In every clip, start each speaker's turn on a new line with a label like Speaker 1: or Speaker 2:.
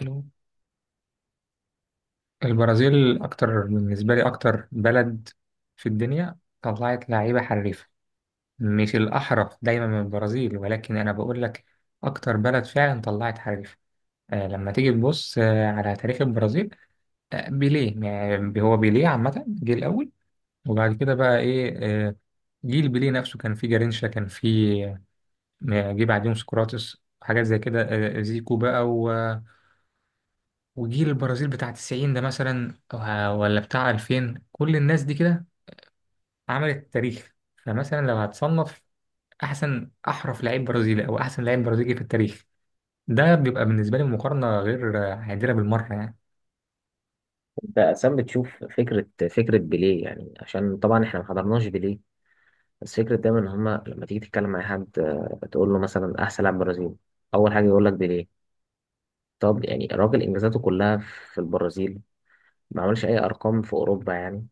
Speaker 1: حلو. البرازيل أكتر بالنسبة لي، أكتر بلد في الدنيا طلعت لعيبة حريفة. مش الأحرف دايما من البرازيل، ولكن أنا بقول لك أكتر بلد فعلا طلعت حريفة. لما تيجي تبص على تاريخ البرازيل. بيليه، يعني هو بيليه عامة جه الأول، وبعد كده بقى إيه؟ آه جيل بيليه نفسه كان فيه جارينشا، كان فيه جه بعديهم سقراطس، حاجات زي كده، زيكو بقى. وجيل البرازيل بتاع 90 ده مثلا، ولا بتاع 2000، كل الناس دي كده عملت تاريخ. فمثلا لو هتصنف احسن احرف لعيب برازيلي او احسن لعيب برازيلي في التاريخ، ده بيبقى بالنسبه لي مقارنه غير عادله بالمره يعني.
Speaker 2: انت اسام، بتشوف فكره بيليه يعني؟ عشان طبعا احنا ما حضرناش بيليه. بس فكره دايما ان هما لما تيجي تتكلم مع حد تقول له مثلا احسن لاعب برازيل، اول حاجه يقول لك بيليه. طب يعني الراجل انجازاته كلها في البرازيل، ما عملش اي ارقام في اوروبا يعني.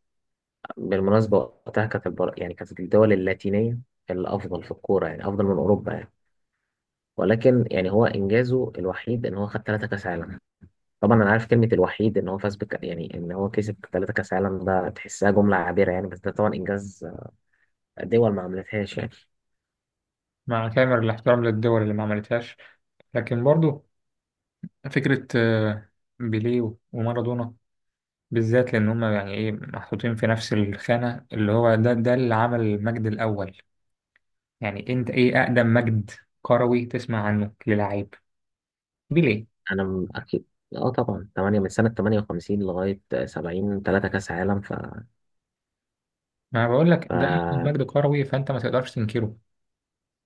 Speaker 2: بالمناسبه وقتها كانت يعني كانت الدول اللاتينيه الافضل في الكوره، يعني افضل من اوروبا يعني. ولكن يعني هو انجازه الوحيد ان هو خد 3 كاس عالم. طبعا انا عارف كلمه الوحيد ان هو فاز بك، يعني ان هو كسب 3 كاس عالم، ده تحسها جمله عابره يعني، بس ده طبعا انجاز دول ما عملتهاش يعني.
Speaker 1: مع كامل الاحترام للدول اللي ما عملتهاش، لكن برضو فكره بيليه ومارادونا بالذات، لان هم يعني ايه محطوطين في نفس الخانه، اللي هو ده اللي عمل المجد الاول. يعني انت ايه اقدم مجد كروي تسمع عنه للاعيب دي ليه؟
Speaker 2: انا اكيد. اه طبعا 8 من سنه 58 لغايه 70، 3 كاس عالم. ف
Speaker 1: ما أنا بقول لك ده
Speaker 2: ف
Speaker 1: مجد كروي، فانت ما تقدرش تنكره.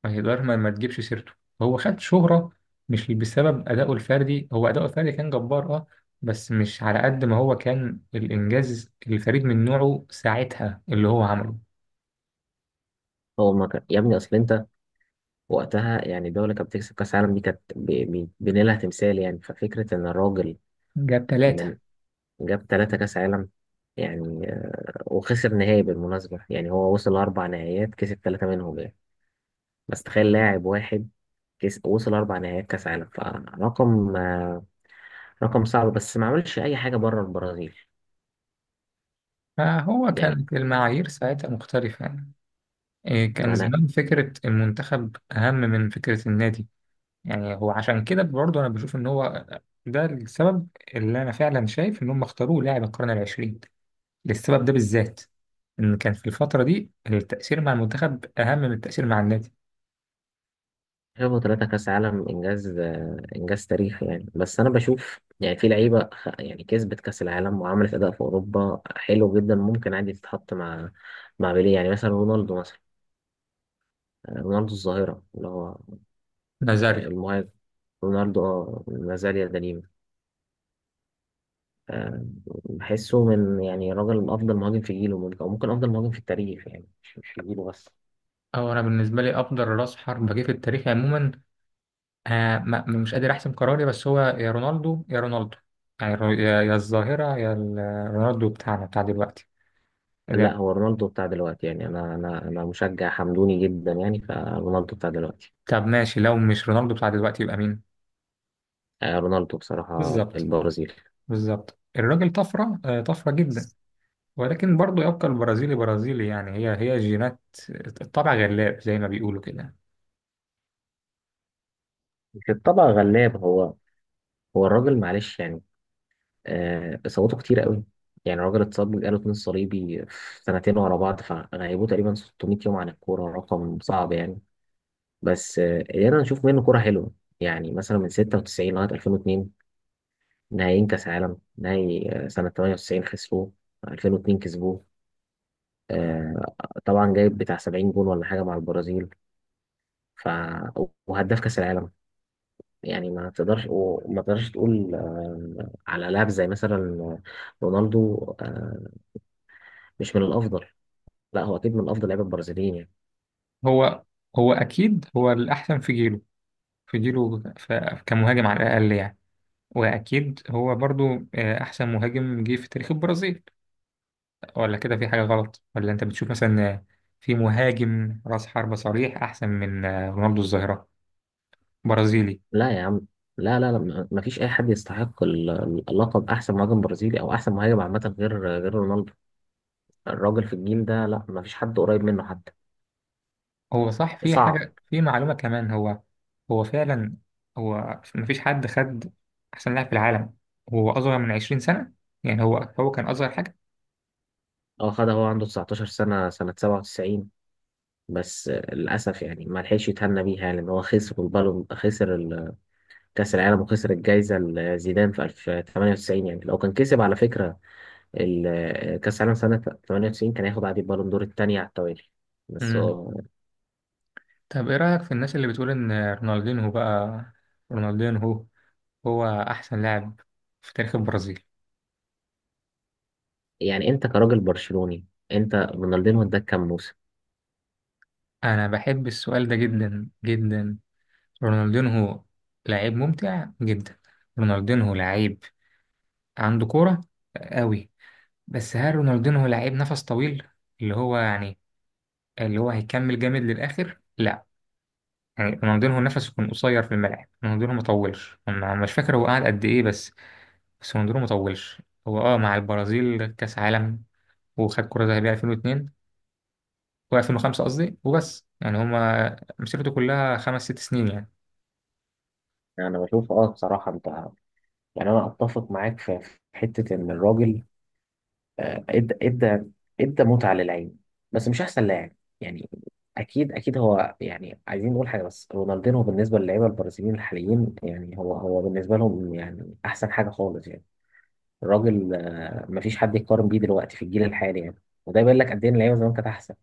Speaker 1: ما تقدر ما, ما تجيبش سيرته. هو خد شهرة مش بسبب أدائه الفردي، هو أداؤه الفردي كان جبار بس مش على قد ما هو كان الإنجاز الفريد من نوعه ساعتها اللي هو عمله.
Speaker 2: هو ما كان يا ابني. اصل انت وقتها يعني الدوله كانت بتكسب كاس عالم، دي كانت بنيلها تمثال يعني. ففكره ان الراجل
Speaker 1: جاب ثلاثة.
Speaker 2: من جاب 3 كاس عالم يعني، وخسر نهائي بالمناسبه. يعني هو وصل ل4 نهائيات، كسب 3 منهم يعني. بس تخيل لاعب واحد كيس وصل 4 نهائيات كأس عالم، فرقم، رقم صعب، بس ما عملش أي حاجة بره البرازيل
Speaker 1: فهو
Speaker 2: يعني.
Speaker 1: كانت المعايير ساعتها مختلفة يعني. إيه، كان
Speaker 2: ما أنا
Speaker 1: زمان فكرة المنتخب أهم من فكرة النادي. يعني هو عشان كده برضه أنا بشوف إن هو ده السبب، اللي أنا فعلا شايف إن هم اختاروه لاعب القرن العشرين للسبب ده بالذات، إن كان في الفترة دي التأثير مع المنتخب أهم من التأثير مع النادي.
Speaker 2: شايفه 3 كأس عالم إنجاز، إنجاز تاريخي يعني، بس أنا بشوف يعني في لعيبة يعني كسبت كأس العالم وعملت أداء في أوروبا حلو جدا، ممكن عادي تتحط مع بيليه يعني. مثلا رونالدو مثلا، رونالدو الظاهرة اللي هو،
Speaker 1: نازاريو.
Speaker 2: المهاجم. رونالدو ما زال يدنيم. آه، بحسه من يعني راجل افضل مهاجم في جيله، ممكن او ممكن افضل مهاجم في التاريخ يعني، مش في جيله بس.
Speaker 1: أو أنا بالنسبة لي أفضل رأس حربة جه في التاريخ عموما. مش قادر أحسم قراري، بس هو يا رونالدو يا رونالدو، يعني يا الظاهرة، رونالدو بتاعنا بتاع دلوقتي
Speaker 2: لا،
Speaker 1: ده-
Speaker 2: هو رونالدو بتاع دلوقتي يعني، انا مشجع حمدوني جدا يعني، فرونالدو بتاع دلوقتي،
Speaker 1: طب ماشي، لو مش رونالدو بتاع دلوقتي يبقى مين؟
Speaker 2: رونالدو بصراحة
Speaker 1: بالظبط،
Speaker 2: البرازيل.
Speaker 1: بالظبط. الراجل طفرة، طفرة جدا، ولكن برضه يبقى البرازيلي برازيلي يعني، هي جينات. الطبع غلاب زي ما بيقولوا كده.
Speaker 2: في الطبع غلاب، هو الراجل معلش يعني. اصاباته كتير قوي يعني. الراجل اتصاب بالقرن الصليبي في سنتين ورا بعض، فغيبوه تقريبا 600 يوم عن الكورة، رقم صعب يعني. بس قدرنا نشوف منه كورة حلوة، يعني مثلا من 96 لغاية 2002، نهائيين كأس عالم، نهائي سنة 98 خسروه، 2002 كسبوه. آه، طبعا جايب بتاع 70 جول ولا حاجه مع البرازيل، ف وهداف كاس العالم يعني. ما تقدرش، وما تقدرش تقول على لاعب زي مثلا رونالدو، آه، مش من الافضل. لا، هو اكيد من افضل لعيبه البرازيليين يعني.
Speaker 1: هو هو اكيد هو الاحسن في جيله، في جيله، كمهاجم على الاقل يعني. واكيد هو برضو احسن مهاجم جه في تاريخ البرازيل، ولا كده؟ في حاجه غلط، ولا انت بتشوف مثلا في مهاجم راس حربة صريح احسن من رونالدو الظاهره برازيلي؟
Speaker 2: لا يا عم، لا، لا، لا، ما فيش اي حد يستحق اللقب، احسن مهاجم برازيلي او احسن مهاجم عامه، غير رونالدو. الراجل في الجيل ده، لا، ما فيش حد قريب منه حتى.
Speaker 1: هو صح، في
Speaker 2: صعب.
Speaker 1: حاجه، في معلومه كمان. هو هو فعلا، هو مفيش حد خد احسن لاعب في العالم هو اصغر من 20 سنه. يعني هو كان اصغر حاجه.
Speaker 2: اه خدها، هو عنده 19 سنه، سنه 97. بس للأسف يعني ما لحقش يتهنى بيها يعني، لأن هو خسر البالون، خسر كأس العالم، وخسر الجايزة لزيدان في 1998 يعني. لو كان كسب على فكرة كأس العالم سنة 98، كان هياخد عادي البالون دور التانية على التوالي. بس
Speaker 1: مم.
Speaker 2: هو
Speaker 1: طب ايه رأيك في الناس اللي بتقول ان رونالدينهو بقى، رونالدينهو هو احسن لاعب في تاريخ البرازيل؟
Speaker 2: يعني. أنت كراجل برشلوني، أنت رونالدينو اداك كام موسم؟
Speaker 1: انا بحب السؤال ده جدا جدا. رونالدينهو لعيب ممتع جدا. رونالدينهو لعيب عنده كورة قوي، بس هل رونالدينهو لعيب نفس طويل، اللي هو يعني اللي هو هيكمل جامد للآخر؟ لا، يعني رونالدينهو نفسه كان قصير في الملعب، رونالدينهو ما طولش. انا مش فاكر هو قعد قد ايه، بس رونالدينهو ما طولش. هو مع البرازيل كأس عالم، وخد كرة ذهبية 2002 و2005 قصدي، وبس، يعني هما مسيرته كلها خمس ست سنين يعني.
Speaker 2: أنا بشوف، بصراحة، أنت، يعني أنا أتفق معاك في حتة إن الراجل، آه، ادى ادى ادى متعة للعين، بس مش احسن لاعب يعني. اكيد اكيد هو، يعني عايزين نقول حاجة، بس رونالدينو بالنسبة للعيبة البرازيليين الحاليين، يعني هو بالنسبة لهم يعني احسن حاجة خالص يعني. الراجل، مفيش حد يقارن بيه دلوقتي في الجيل الحالي يعني، وده يبين لك قد ايه إن اللعيبة زمان كانت احسن.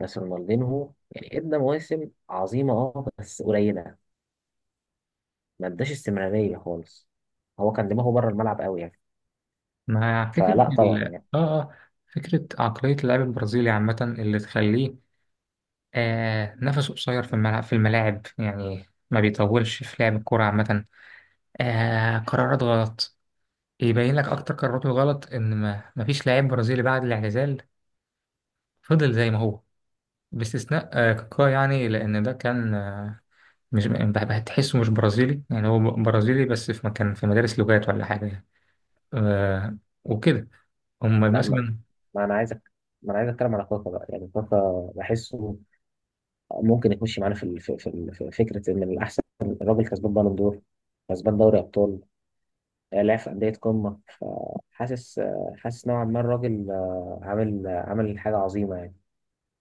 Speaker 2: بس رونالدينو هو يعني ادى مواسم عظيمة، بس قليلة، ما اداش استمرارية خالص. هو كان دماغه بره الملعب قوي يعني.
Speaker 1: مع فكرة
Speaker 2: فلا
Speaker 1: ال...
Speaker 2: طبعا
Speaker 1: اه
Speaker 2: يعني.
Speaker 1: اه فكرة عقلية اللاعب البرازيلي عامة اللي تخليه نفسه قصير في الملعب، في الملاعب يعني، ما بيطولش في لعب الكرة عامة. قرارات غلط. يبين لك أكتر قراراته غلط إن ما فيش لاعب برازيلي بعد الاعتزال فضل زي ما هو، باستثناء كاكا، يعني لأن ده كان مش بح- هتحسه مش برازيلي، يعني هو برازيلي بس في مكان، في مدارس لغات ولا حاجة يعني. آه وكده، هم
Speaker 2: لا،
Speaker 1: مثلا،
Speaker 2: ما انا عايزك ما انا عايز اتكلم على كاكا بقى، يعني كاكا بحسه ممكن يخش معانا في في فكره ان الاحسن. الراجل كسبان بالون دور، كسبان دوري ابطال، لعب في انديه قمه. فحاسس آه، حاسس نوعا ما الراجل عامل حاجه عظيمه يعني.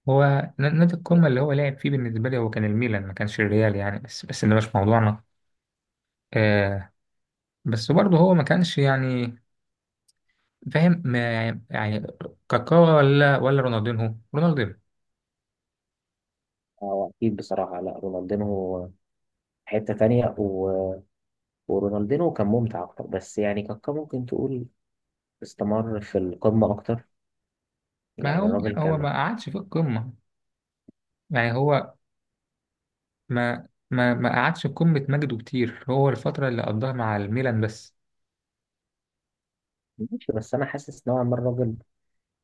Speaker 1: هو نادي القمة اللي هو لعب فيه بالنسبة لي هو كان الميلان، ما كانش الريال يعني، بس ده مش موضوعنا. آه بس برضه هو ما كانش يعني فاهم، ما يعني كاكا، ولا رونالدينهو.
Speaker 2: هو اكيد بصراحه، لا، رونالدينو حته تانية، ورونالدينو كان ممتع اكتر، بس يعني كاكا ممكن تقول استمر في القمه اكتر
Speaker 1: ما
Speaker 2: يعني.
Speaker 1: هو لا،
Speaker 2: الراجل
Speaker 1: هو
Speaker 2: كان
Speaker 1: ما قعدش في القمة. يعني هو ما قعدش في قمة مجده كتير، هو الفترة اللي قضاها مع الميلان بس.
Speaker 2: ماشي، بس انا حاسس نوعا ما الراجل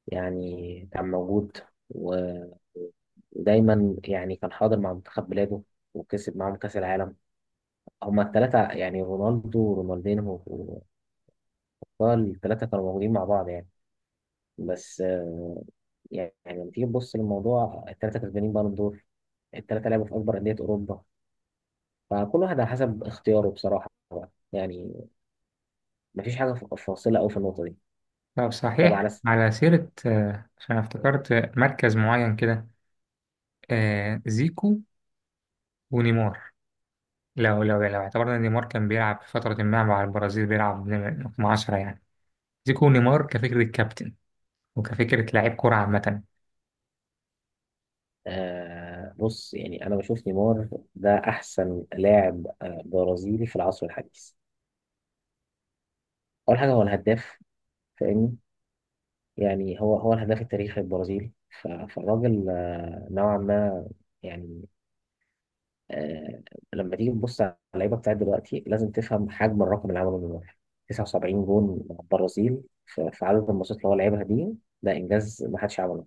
Speaker 2: يعني كان موجود، و- ودايما يعني كان حاضر مع منتخب بلاده، وكسب معاهم كأس العالم. هما التلاتة يعني رونالدو ورونالدينو وكاكا، التلاتة كانوا موجودين مع بعض يعني. بس يعني لما تيجي تبص للموضوع، التلاتة كسبانين بالون دور، التلاتة لعبوا في أكبر أندية أوروبا، فكل واحد على حسب اختياره بصراحة بقى. يعني مفيش حاجة فاصلة أوي في النقطة دي.
Speaker 1: طب
Speaker 2: طب
Speaker 1: صحيح،
Speaker 2: على
Speaker 1: على سيرة عشان افتكرت مركز معين كده، زيكو ونيمار. لو اعتبرنا ان نيمار كان بيلعب في فترة ما مع البرازيل بيلعب رقم 10 يعني، زيكو ونيمار كفكرة كابتن، وكفكرة لعيب كرة عامة.
Speaker 2: بص، يعني انا بشوف نيمار ده احسن لاعب برازيلي في العصر الحديث. اول حاجه هو الهداف، فاهمني، يعني هو الهداف التاريخي البرازيلي. فالراجل نوعا ما يعني، آه لما تيجي تبص على اللعيبه بتاعت دلوقتي، لازم تفهم حجم الرقم اللي عمله نيمار، 79 جون مع البرازيل في عدد الماتشات اللي هو لعبها دي، ده انجاز ما حدش عمله.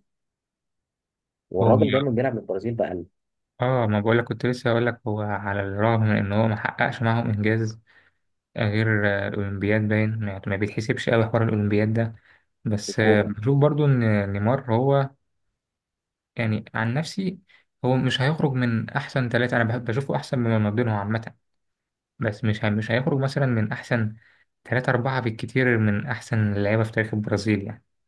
Speaker 1: هو
Speaker 2: والراجل دايما بيلعب للبرازيل بأقل
Speaker 1: اه ما بقولك، كنت لسه هقول لك، هو على الرغم من ان هو ما حققش معاهم انجاز غير الاولمبياد، باين يعني ما بيتحسبش قوي حوار الاولمبياد ده. بس
Speaker 2: وكوبا
Speaker 1: بشوف برضو ان نيمار هو، يعني عن نفسي، هو مش هيخرج من أحسن ثلاثة. أنا بحب بشوفه أحسن مما ما بينهم عامة، بس مش مش هيخرج مثلا من أحسن ثلاثة أربعة بالكتير من أحسن اللعيبة في تاريخ البرازيل يعني.